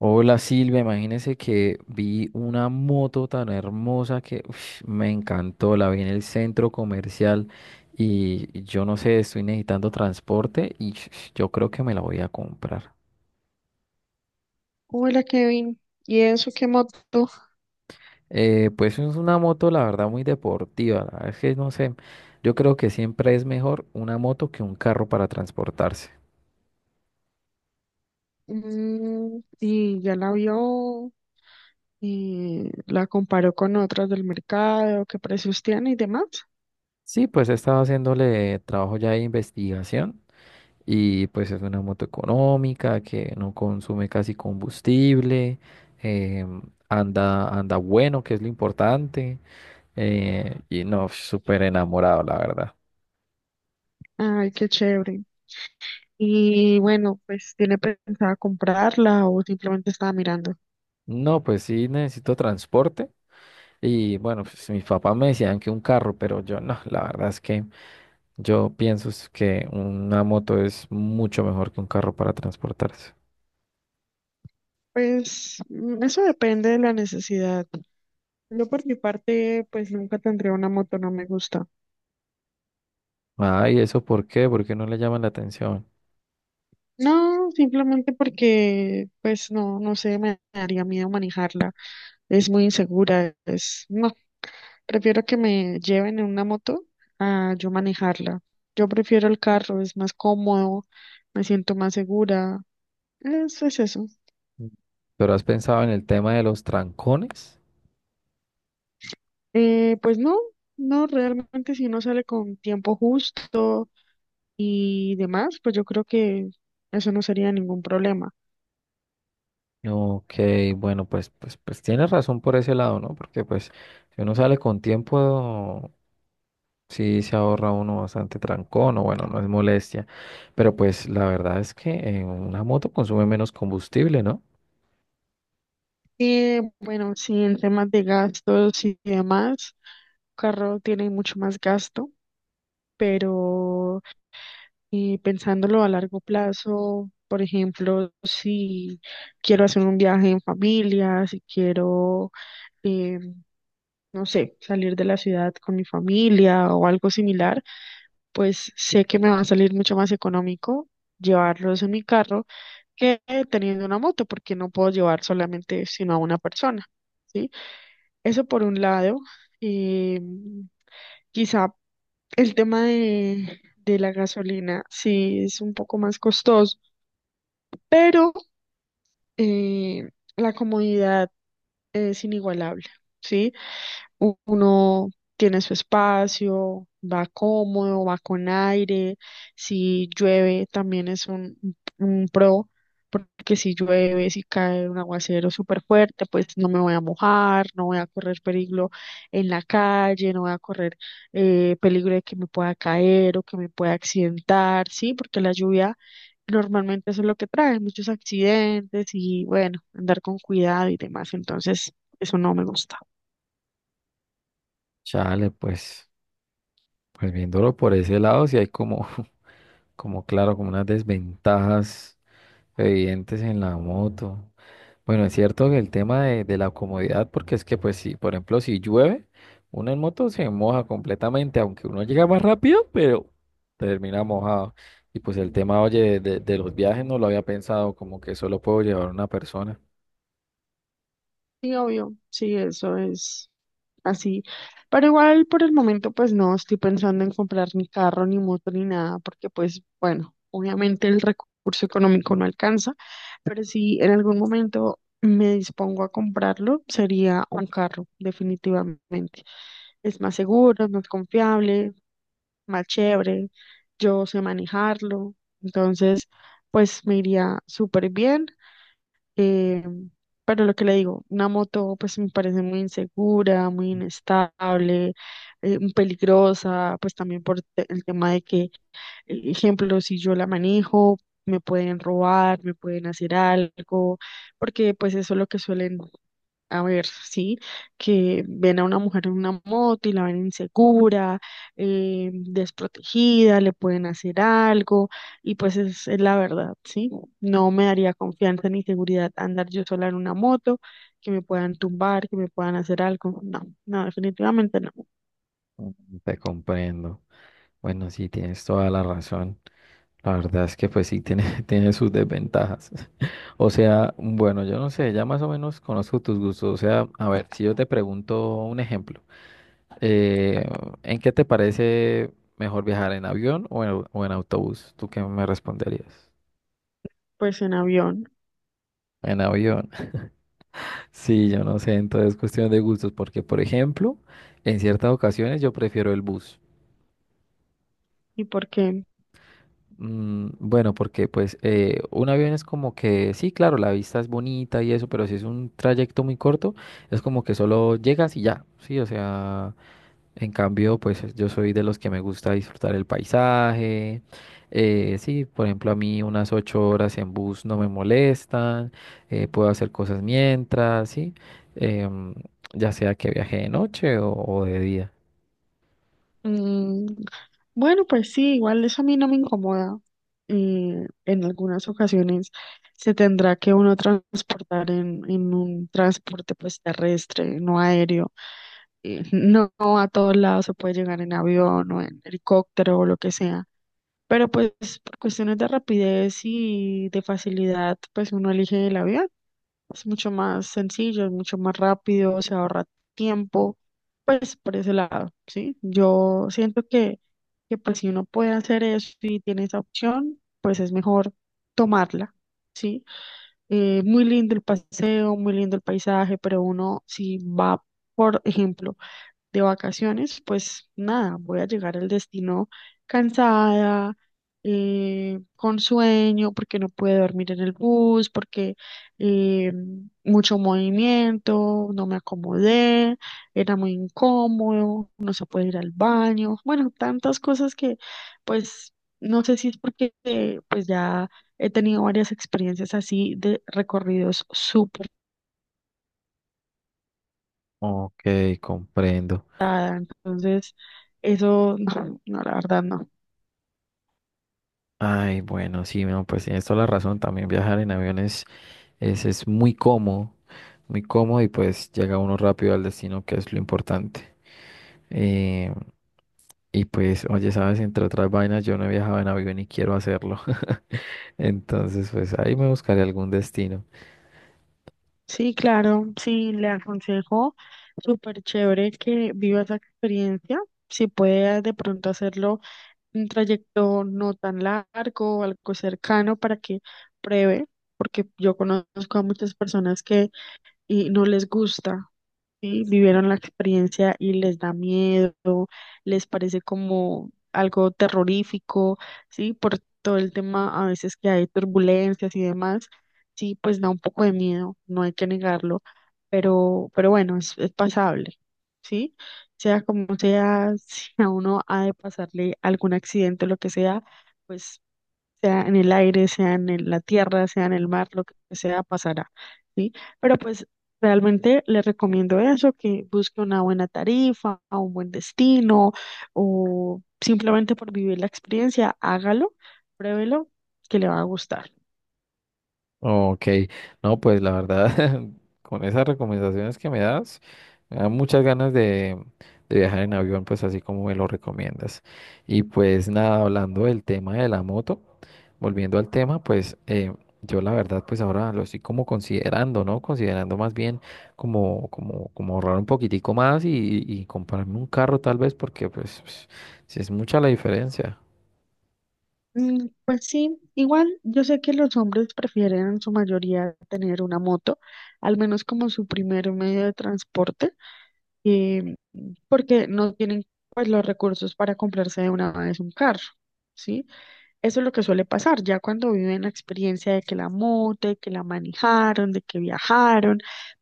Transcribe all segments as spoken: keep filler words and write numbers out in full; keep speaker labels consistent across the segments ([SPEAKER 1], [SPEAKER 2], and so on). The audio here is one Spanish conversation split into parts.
[SPEAKER 1] Hola Silvia, imagínese que vi una moto tan hermosa que ush, me encantó, la vi en el centro comercial y yo no sé, estoy necesitando transporte y sh- sh, yo creo que me la voy a comprar.
[SPEAKER 2] Hola Kevin, ¿y eso qué moto?
[SPEAKER 1] Eh, pues es una moto, la verdad, muy deportiva, la verdad es que no sé, yo creo que siempre es mejor una moto que un carro para transportarse.
[SPEAKER 2] Mm, ¿y ya la vio? ¿Y la comparó con otras del mercado? ¿Qué precios tiene y demás?
[SPEAKER 1] Sí, pues he estado haciéndole trabajo ya de investigación. Y pues es una moto económica que no consume casi combustible, em, anda, anda bueno, que es lo importante. Eh, y no, súper enamorado, la verdad.
[SPEAKER 2] Ay, qué chévere. Y bueno, pues ¿tiene pensada comprarla o simplemente estaba mirando?
[SPEAKER 1] No, pues sí necesito transporte. Y bueno, pues mis papás me decían que un carro, pero yo no, la verdad es que yo pienso es que una moto es mucho mejor que un carro para transportarse.
[SPEAKER 2] Pues mm, eso depende de la necesidad. Yo por mi parte, pues nunca tendría una moto, no me gusta.
[SPEAKER 1] Ah, ¿y eso por qué? ¿Por qué no le llaman la atención?
[SPEAKER 2] No, simplemente porque, pues no, no sé, me daría miedo manejarla. Es muy insegura, es, no, prefiero que me lleven en una moto a yo manejarla. Yo prefiero el carro, es más cómodo, me siento más segura, eso es eso.
[SPEAKER 1] Mm. ¿Pero has pensado en el tema de los trancones?
[SPEAKER 2] Eh, pues no, no, realmente si uno sale con tiempo justo y demás, pues yo creo que eso no sería ningún problema.
[SPEAKER 1] Ok, bueno, pues, pues, pues tienes razón por ese lado, ¿no? Porque pues si uno sale con tiempo, sí se ahorra uno bastante trancón o bueno, no es molestia. Pero pues la verdad es que eh, una moto consume menos combustible, ¿no?
[SPEAKER 2] Y bueno, sí, en temas de gastos y demás, carro tiene mucho más gasto, pero y pensándolo a largo plazo, por ejemplo, si quiero hacer un viaje en familia, si quiero, eh, no sé, salir de la ciudad con mi familia o algo similar, pues sé que me va a salir mucho más económico llevarlos en mi carro que teniendo una moto, porque no puedo llevar solamente sino a una persona, ¿sí? Eso por un lado. eh, Quizá el tema de, de la gasolina sí es un poco más costoso, pero eh, la comodidad es inigualable, ¿sí? u- Uno tiene su espacio, va cómodo, va con aire. Si llueve, también es un, un pro, porque si llueve, si cae un aguacero súper fuerte, pues no me voy a mojar, no voy a correr peligro en la calle, no voy a correr eh, peligro de que me pueda caer o que me pueda accidentar, ¿sí? Porque la lluvia normalmente eso es lo que trae, muchos accidentes y bueno, andar con cuidado y demás. Entonces, eso no me gusta.
[SPEAKER 1] Chale, pues, pues viéndolo por ese lado, sí hay como, como claro, como unas desventajas. Evidentes en la moto. Bueno, es cierto que el tema de, de la comodidad, porque es que, pues, si, por ejemplo, si llueve, uno en moto se moja completamente, aunque uno llega más rápido, pero termina mojado. Y pues el tema, oye, de, de los viajes no lo había pensado, como que solo puedo llevar una persona.
[SPEAKER 2] Sí, obvio, sí, eso es así. Pero igual por el momento pues no estoy pensando en comprar ni carro, ni moto, ni nada, porque pues bueno, obviamente el recurso económico no alcanza, pero si en algún momento me dispongo a comprarlo, sería un carro, definitivamente. Es más seguro, es más confiable, más chévere, yo sé manejarlo, entonces pues me iría súper bien. Eh, pero lo que le digo, una moto pues me parece muy insegura, muy inestable, eh, peligrosa, pues también por te- el tema de que eh, ejemplo, si yo la manejo, me pueden robar, me pueden hacer algo, porque pues eso es lo que suelen a ver, ¿sí? Que ven a una mujer en una moto y la ven insegura, eh, desprotegida, le pueden hacer algo, y pues es, es la verdad, ¿sí? No me daría confianza ni seguridad andar yo sola en una moto, que me puedan tumbar, que me puedan hacer algo. No, no, definitivamente no.
[SPEAKER 1] Mm, te comprendo. Bueno, sí, tienes toda la razón. La verdad es que pues sí tiene, tiene sus desventajas. O sea, bueno, yo no sé, ya más o menos conozco tus gustos. O sea, a ver, si yo te pregunto un ejemplo, eh, ¿en qué te parece mejor viajar en avión o en, au- o en autobús? ¿Tú qué me responderías?
[SPEAKER 2] Pues en avión.
[SPEAKER 1] En avión. Sí, yo no sé, entonces es cuestión de gustos, porque por ejemplo, en ciertas ocasiones yo prefiero el bus.
[SPEAKER 2] ¿Y por qué?
[SPEAKER 1] Mm, bueno, porque pues eh, un avión es como que, sí, claro, la vista es bonita y eso, pero si es un trayecto muy corto, es como que solo llegas y ya, sí, o sea, en cambio, pues yo soy de los que me gusta disfrutar el paisaje, eh, sí, por ejemplo, a mí unas ocho horas en bus no me molestan, eh, puedo hacer cosas mientras, sí, em, ya sea que viaje de noche o o de día.
[SPEAKER 2] Mm, bueno, pues sí, igual eso a mí no me incomoda. Eh, en algunas ocasiones se tendrá que uno transportar en, en un transporte pues terrestre, no aéreo. Eh, no, no a todos lados se puede llegar en avión o en helicóptero o lo que sea. Pero pues por cuestiones de rapidez y de facilidad, pues uno elige el avión. Es mucho más sencillo, es mucho más rápido, se ahorra tiempo. Pues por ese lado, ¿sí? Yo siento que, que pues si uno puede hacer eso y tiene esa opción, pues es mejor tomarla, ¿sí? Eh, muy lindo el paseo, muy lindo el paisaje, pero uno si va, por ejemplo, de vacaciones, pues nada, voy a llegar al destino cansada, eh, con sueño, porque no pude dormir en el bus, porque eh, mucho movimiento, no me acomodé, era muy incómodo, no se puede ir al baño, bueno, tantas cosas que pues no sé si es porque eh, pues ya he tenido varias experiencias así de recorridos súper
[SPEAKER 1] Ok, comprendo.
[SPEAKER 2] tarde. Entonces, eso no, no, la verdad no.
[SPEAKER 1] Ay, bueno, sí, no, pues tienes toda la razón. También viajar en aviones es, es muy cómodo, muy cómodo y pues llega uno rápido al destino, que es lo importante. Eh, y pues, oye, sabes, entre otras vainas, yo no he viajado en avión y quiero hacerlo. Entonces, pues ahí me buscaré algún destino.
[SPEAKER 2] Sí, claro, sí, le aconsejo, súper chévere que viva esa experiencia. Si puedes de pronto hacerlo un trayecto no tan largo o algo cercano para que pruebe, porque yo conozco a muchas personas que y no les gusta. Sí, vivieron la experiencia y les da miedo, les parece como algo terrorífico, sí, por todo el tema a veces que hay turbulencias y demás, sí, pues da un poco de miedo, no hay que negarlo, pero, pero bueno, es, es pasable, sí, sea como sea, si a uno ha de pasarle algún accidente o lo que sea, pues sea en el aire, sea en el- la tierra, sea en el mar, lo que sea, pasará, ¿sí? Pero pues realmente les recomiendo eso, que busque una buena tarifa, un buen destino, o simplemente por vivir la experiencia, hágalo, pruébelo, que le va a gustar.
[SPEAKER 1] Ok, no, pues la verdad, con esas recomendaciones que me das, me dan muchas ganas de, de viajar en avión, pues así como me lo recomiendas. Y pues nada, hablando del tema de la moto, volviendo al tema, pues eh, yo la verdad, pues ahora lo estoy como considerando, ¿no? Considerando más bien como, como, como ahorrar un poquitico más y, y comprarme un carro tal vez, porque pues, pues, sí es mucha la diferencia.
[SPEAKER 2] Mm, pues sí, igual yo sé que los hombres prefieren en su mayoría tener una moto, al menos como su primer medio de transporte. eh, Porque no tienen pues los recursos para comprarse de una vez un carro, ¿sí? Eso es lo que suele pasar, ya cuando viven la experiencia de que la moto, de que la manejaron, de que viajaron,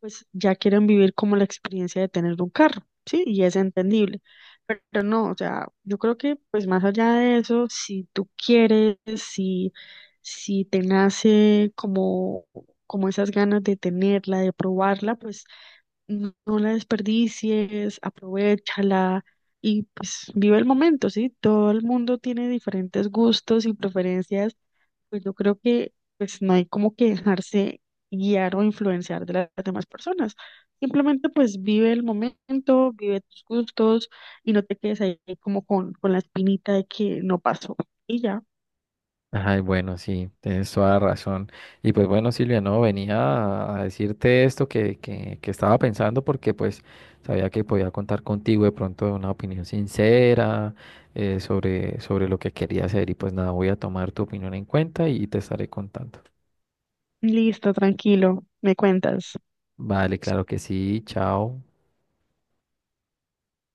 [SPEAKER 2] pues ya quieren vivir como la experiencia de tener un carro, ¿sí? Y es entendible. Pero no, o sea, yo creo que pues más allá de eso, si tú quieres, si, si te nace como, como esas ganas de tenerla, de probarla, pues no no la desperdicies, aprovéchala y pues vive el momento, ¿sí? Todo el mundo tiene diferentes gustos y preferencias, pues yo creo que pues no hay como que dejarse guiar o influenciar de la- las demás personas. Simplemente pues vive el momento, vive tus gustos y no te quedes ahí como con, con la espinita de que no pasó. Y ya,
[SPEAKER 1] Ay, bueno, sí, tienes toda la razón. Y pues bueno, Silvia, no, venía a a decirte esto que, que, que estaba pensando porque pues sabía que podía contar contigo de pronto de una opinión sincera eh, sobre, sobre lo que quería hacer y pues nada, voy a tomar tu opinión en cuenta y te estaré contando.
[SPEAKER 2] listo, tranquilo, me cuentas.
[SPEAKER 1] Vale, claro que sí, chao.